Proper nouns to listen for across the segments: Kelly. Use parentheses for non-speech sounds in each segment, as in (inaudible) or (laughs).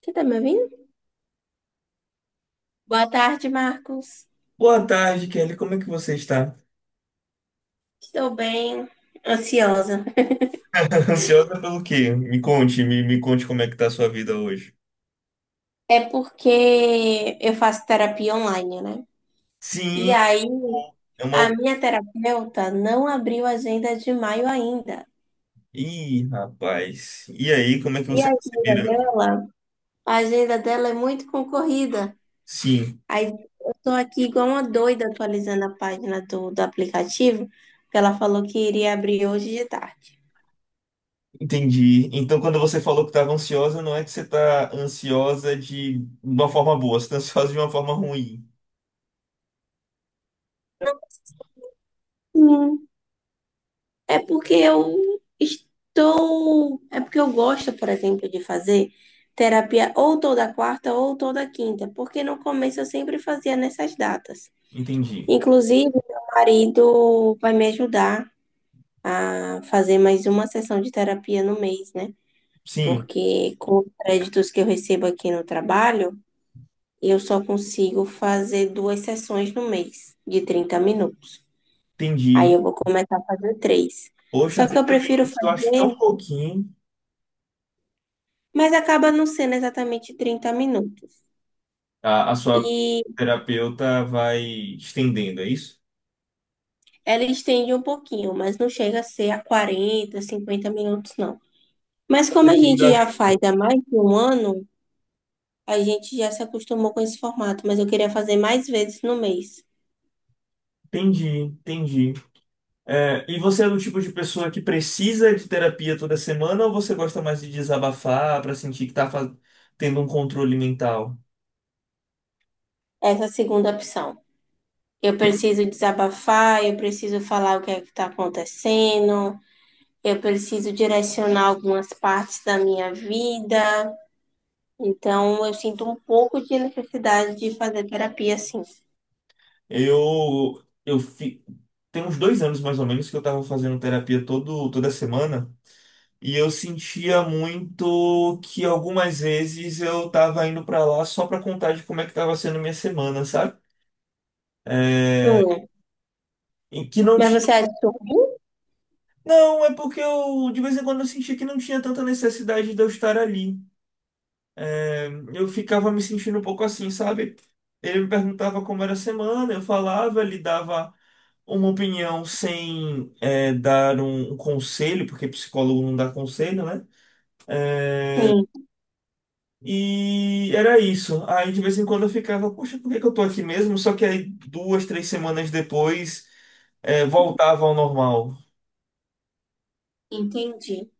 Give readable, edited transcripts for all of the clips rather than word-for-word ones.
Você tá me ouvindo? Boa tarde, Marcos. Boa tarde, Kelly. Como é que você está? Estou bem ansiosa. (laughs) Ansiosa pelo quê? Me conte, me conte como é que tá a sua vida hoje. É porque eu faço terapia online, né? E Sim, aí, pô, é a uma. minha terapeuta não abriu a agenda de maio ainda. Ih, rapaz. E aí, como é que E a você tá se agenda virando? dela, a agenda dela é muito concorrida. Sim, Aí eu tô aqui igual uma doida atualizando a página do aplicativo, que ela falou que iria abrir hoje de tarde. entendi. Então, quando você falou que estava ansiosa, não é que você tá ansiosa de uma forma boa, você tá ansiosa de uma forma ruim. Hum. É porque eu estou. É porque eu gosto, por exemplo, de fazer terapia ou toda quarta ou toda quinta, porque no começo eu sempre fazia nessas datas. Entendi. Inclusive, meu marido vai me ajudar a fazer mais uma sessão de terapia no mês, né? Sim, Porque com os créditos que eu recebo aqui no trabalho, eu só consigo fazer duas sessões no mês, de 30 minutos. Aí entendi. eu vou começar a fazer três. Poxa, Só que eu 30 prefiro minutos eu acho tão fazer. pouquinho. Mas acaba não sendo exatamente 30 minutos. A sua E terapeuta vai estendendo, é isso? ela estende um pouquinho, mas não chega a ser a 40, 50 minutos, não. Mas como a gente já faz há mais de um ano, a gente já se acostumou com esse formato, mas eu queria fazer mais vezes no mês. Entendi, entendi. É, e você é do tipo de pessoa que precisa de terapia toda semana ou você gosta mais de desabafar para sentir que tá tendo um controle mental? Essa é segunda opção. Eu preciso desabafar, eu preciso falar o que é que está acontecendo, eu preciso direcionar algumas partes da minha vida. Então, eu sinto um pouco de necessidade de fazer terapia, sim. Eu, eu fi... Tem uns 2 anos mais ou menos que eu tava fazendo terapia toda semana e eu sentia muito que algumas vezes eu tava indo pra lá só pra contar de como é que tava sendo minha semana, sabe? É, Hum. e que não Mas tinha. você achou? Não, é porque eu de vez em quando eu sentia que não tinha tanta necessidade de eu estar ali. É, eu ficava me sentindo um pouco assim, sabe? Ele me perguntava como era a semana, eu falava, ele dava uma opinião sem dar um conselho, porque psicólogo não dá conselho, né? Sim, E era isso. Aí de vez em quando eu ficava, poxa, por que que eu tô aqui mesmo? Só que aí duas, três semanas depois voltava ao normal. entendi.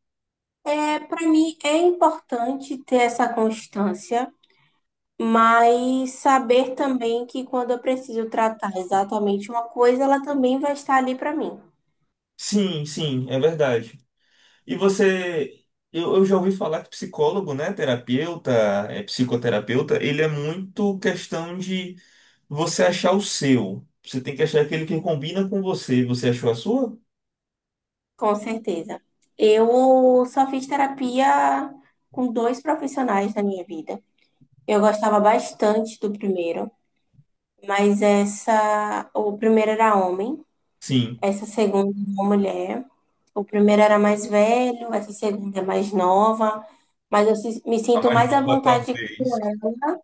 É, para mim é importante ter essa constância, mas saber também que quando eu preciso tratar exatamente uma coisa, ela também vai estar ali para mim, Sim, sim, é verdade. E você, eu já ouvi falar que psicólogo, né, terapeuta, psicoterapeuta, ele é muito questão de você achar o seu. Você tem que achar aquele que combina com você. Você achou a sua? com certeza. Eu só fiz terapia com dois profissionais na minha vida. Eu gostava bastante do primeiro, mas essa, o primeiro era homem. Sim. Essa segunda é uma mulher. O primeiro era mais velho, essa segunda é mais nova. Mas eu me A sinto mais mais à nova vontade com talvez. ela.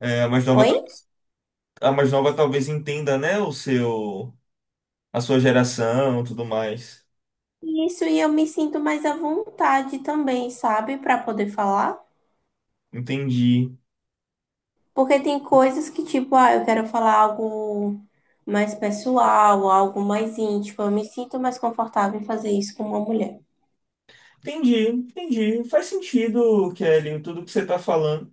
É, a mais nova, Oi? A mais nova talvez entenda, né, o seu, a sua geração, tudo mais. Isso, e eu me sinto mais à vontade também, sabe? Pra poder falar. Entendi. Porque tem coisas que, tipo, ah, eu quero falar algo mais pessoal, algo mais íntimo. Eu me sinto mais confortável em fazer isso com uma mulher. Entendi, entendi. Faz sentido, Kelly, tudo que você está falando.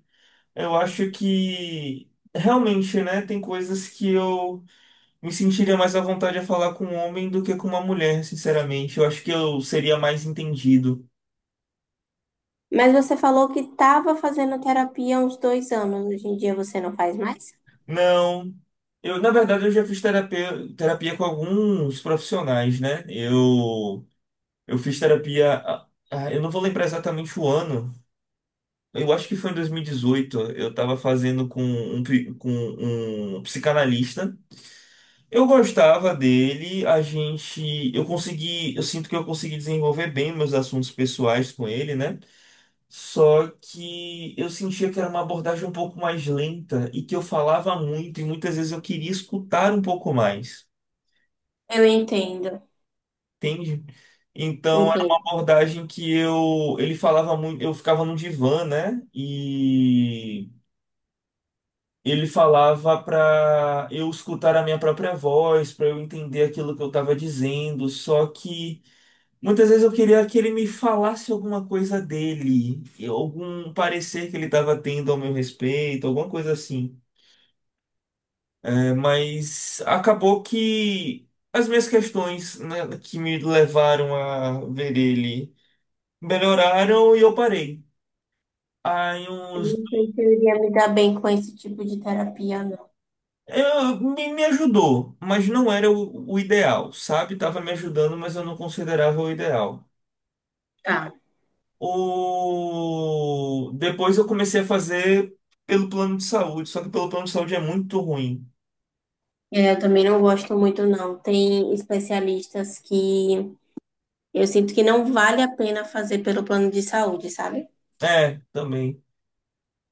Eu acho que realmente, né, tem coisas que eu me sentiria mais à vontade a falar com um homem do que com uma mulher, sinceramente. Eu acho que eu seria mais entendido. Mas você falou que estava fazendo terapia há uns 2 anos. Hoje em dia você não faz mais? Não, eu, na verdade, eu já fiz terapia com alguns profissionais, né? Eu fiz terapia. Eu não vou lembrar exatamente o ano. Eu acho que foi em 2018. Eu tava fazendo com um psicanalista. Eu gostava dele. A gente. Eu consegui. Eu sinto que eu consegui desenvolver bem meus assuntos pessoais com ele, né? Só que eu sentia que era uma abordagem um pouco mais lenta e que eu falava muito e muitas vezes eu queria escutar um pouco mais. Eu entendo. Entende? Então era uma Entendo. abordagem que eu ele falava muito, eu ficava no divã, né? E ele falava para eu escutar a minha própria voz, para eu entender aquilo que eu estava dizendo, só que muitas vezes eu queria que ele me falasse alguma coisa dele, algum parecer que ele estava tendo ao meu respeito, alguma coisa assim. É, mas acabou que as minhas questões, né, que me levaram a ver ele melhoraram e eu parei. Aí Eu uns. não sei se eu iria me dar bem com esse tipo de terapia, não. Me ajudou, mas não era o ideal, sabe? Tava me ajudando, mas eu não considerava o ideal. Tá. Depois eu comecei a fazer pelo plano de saúde, só que pelo plano de saúde é muito ruim. É, eu também não gosto muito, não. Tem especialistas que eu sinto que não vale a pena fazer pelo plano de saúde, sabe? É, também.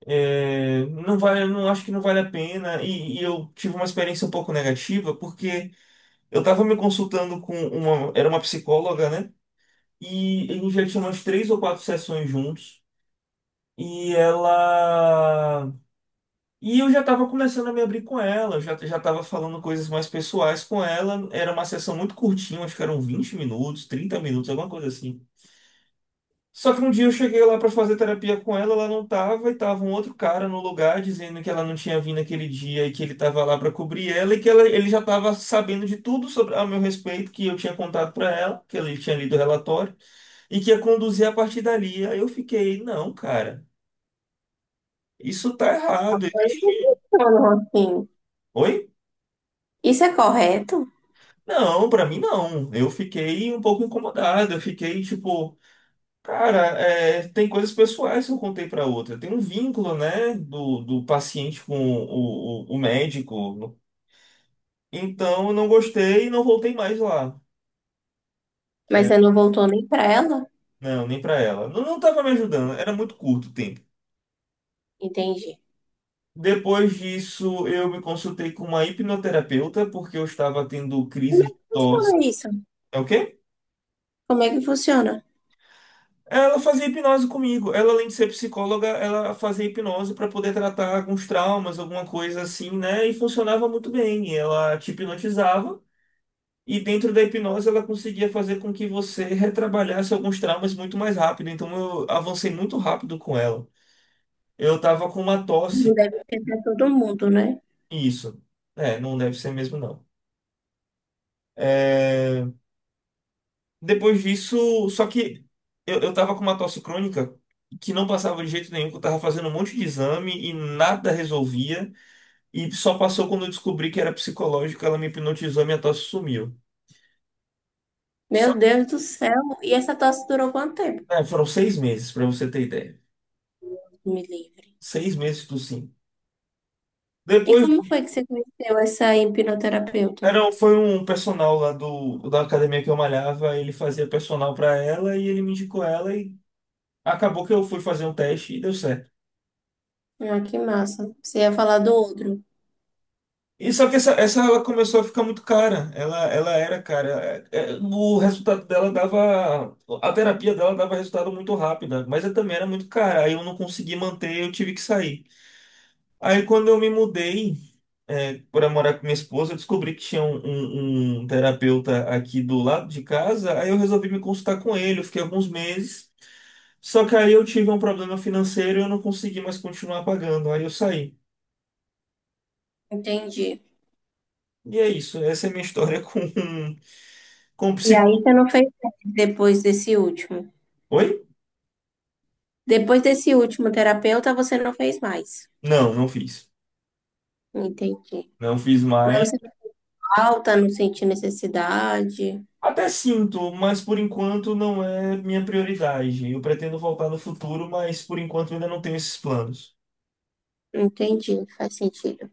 É, não vale, não acho que não vale a pena. E eu tive uma experiência um pouco negativa, porque eu tava me consultando com uma. Era uma psicóloga, né? E a gente já tinha umas 3 ou 4 sessões juntos. E ela. E eu já estava começando a me abrir com ela, eu já estava falando coisas mais pessoais com ela. Era uma sessão muito curtinha, acho que eram 20 minutos, 30 minutos, alguma coisa assim. Só que um dia eu cheguei lá para fazer terapia com ela, ela não tava, e tava um outro cara no lugar dizendo que ela não tinha vindo aquele dia e que ele tava lá para cobrir ela e que ele já tava sabendo de tudo sobre a meu respeito que eu tinha contado para ela, que ele tinha lido o relatório e que ia conduzir a partir dali. Aí eu fiquei, não, cara, isso tá errado. Não, assim, Oi? isso é correto, Não, pra mim não. Eu fiquei um pouco incomodado. Eu fiquei tipo, cara, tem coisas pessoais que eu contei pra outra. Tem um vínculo, né, do paciente com o médico. Então eu não gostei e não voltei mais lá. mas você não voltou nem pra ela? Não, nem pra ela. Não, não tava me ajudando. Era muito curto o tempo. Entendi. Depois disso, eu me consultei com uma hipnoterapeuta porque eu estava tendo Como é crises de que tosse. funciona isso? É o quê? Como é que funciona? Ela fazia hipnose comigo. Ela, além de ser psicóloga, ela fazia hipnose para poder tratar alguns traumas, alguma coisa assim, né? E funcionava muito bem. Ela te hipnotizava e dentro da hipnose ela conseguia fazer com que você (laughs) retrabalhasse alguns traumas muito mais rápido. Então eu avancei muito rápido com ela. Eu tava com uma Não tosse, deve ser pra todo mundo, né? isso. É, não deve ser mesmo não. É, Depois disso, só que eu tava com uma tosse crônica que não passava de jeito nenhum, que eu tava fazendo um monte de exame e nada resolvia. E só passou quando eu descobri que era psicológica, ela me hipnotizou e minha tosse sumiu. Meu Só, Deus do céu. E essa tosse durou quanto tempo? Foram 6 meses, pra você ter ideia. Me livre. 6 meses do sim. E Depois, como foi que você conheceu essa hipnoterapeuta? Foi um personal lá da academia que eu malhava, ele fazia personal pra ela e ele me indicou ela e acabou que eu fui fazer um teste e deu certo. Ah, que massa. Você ia falar do outro. E só que essa ela começou a ficar muito cara. Ela era cara. O resultado dela dava. A terapia dela dava resultado muito rápido, mas ela também era muito cara. Aí eu não consegui manter, eu tive que sair. Aí quando eu me mudei para morar com minha esposa, eu descobri que tinha um terapeuta aqui do lado de casa. Aí eu resolvi me consultar com ele. Eu fiquei alguns meses. Só que aí eu tive um problema financeiro e eu não consegui mais continuar pagando. Aí eu saí. Entendi. E é isso. Essa é a minha história com, (laughs) com E aí psicólogo. você não fez mais depois desse último. Depois desse último terapeuta, você não fez mais. Não, não fiz. Entendi. Não fiz mais. Mas você falta, não sente necessidade. Até sinto, mas por enquanto não é minha prioridade. Eu pretendo voltar no futuro, mas por enquanto ainda não tenho esses planos. Entendi, faz sentido.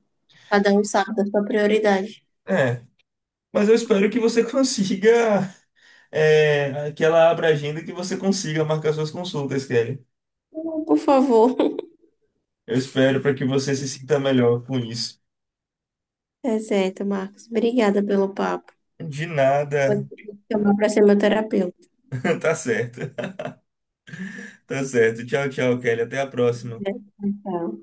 Cada um sabe da sua prioridade. É, mas eu espero que você (laughs) consiga, que ela abra a agenda e que você consiga marcar suas consultas, Kelly. Por favor. (laughs) Eu espero para que você se sinta melhor com isso. É certo, Marcos. Obrigada pelo papo. De Vou nada. (laughs) te chamar para ser meu terapeuta. Tá certo. Tá certo. Tchau, tchau, Kelly. Até a Né? próxima. Tchau.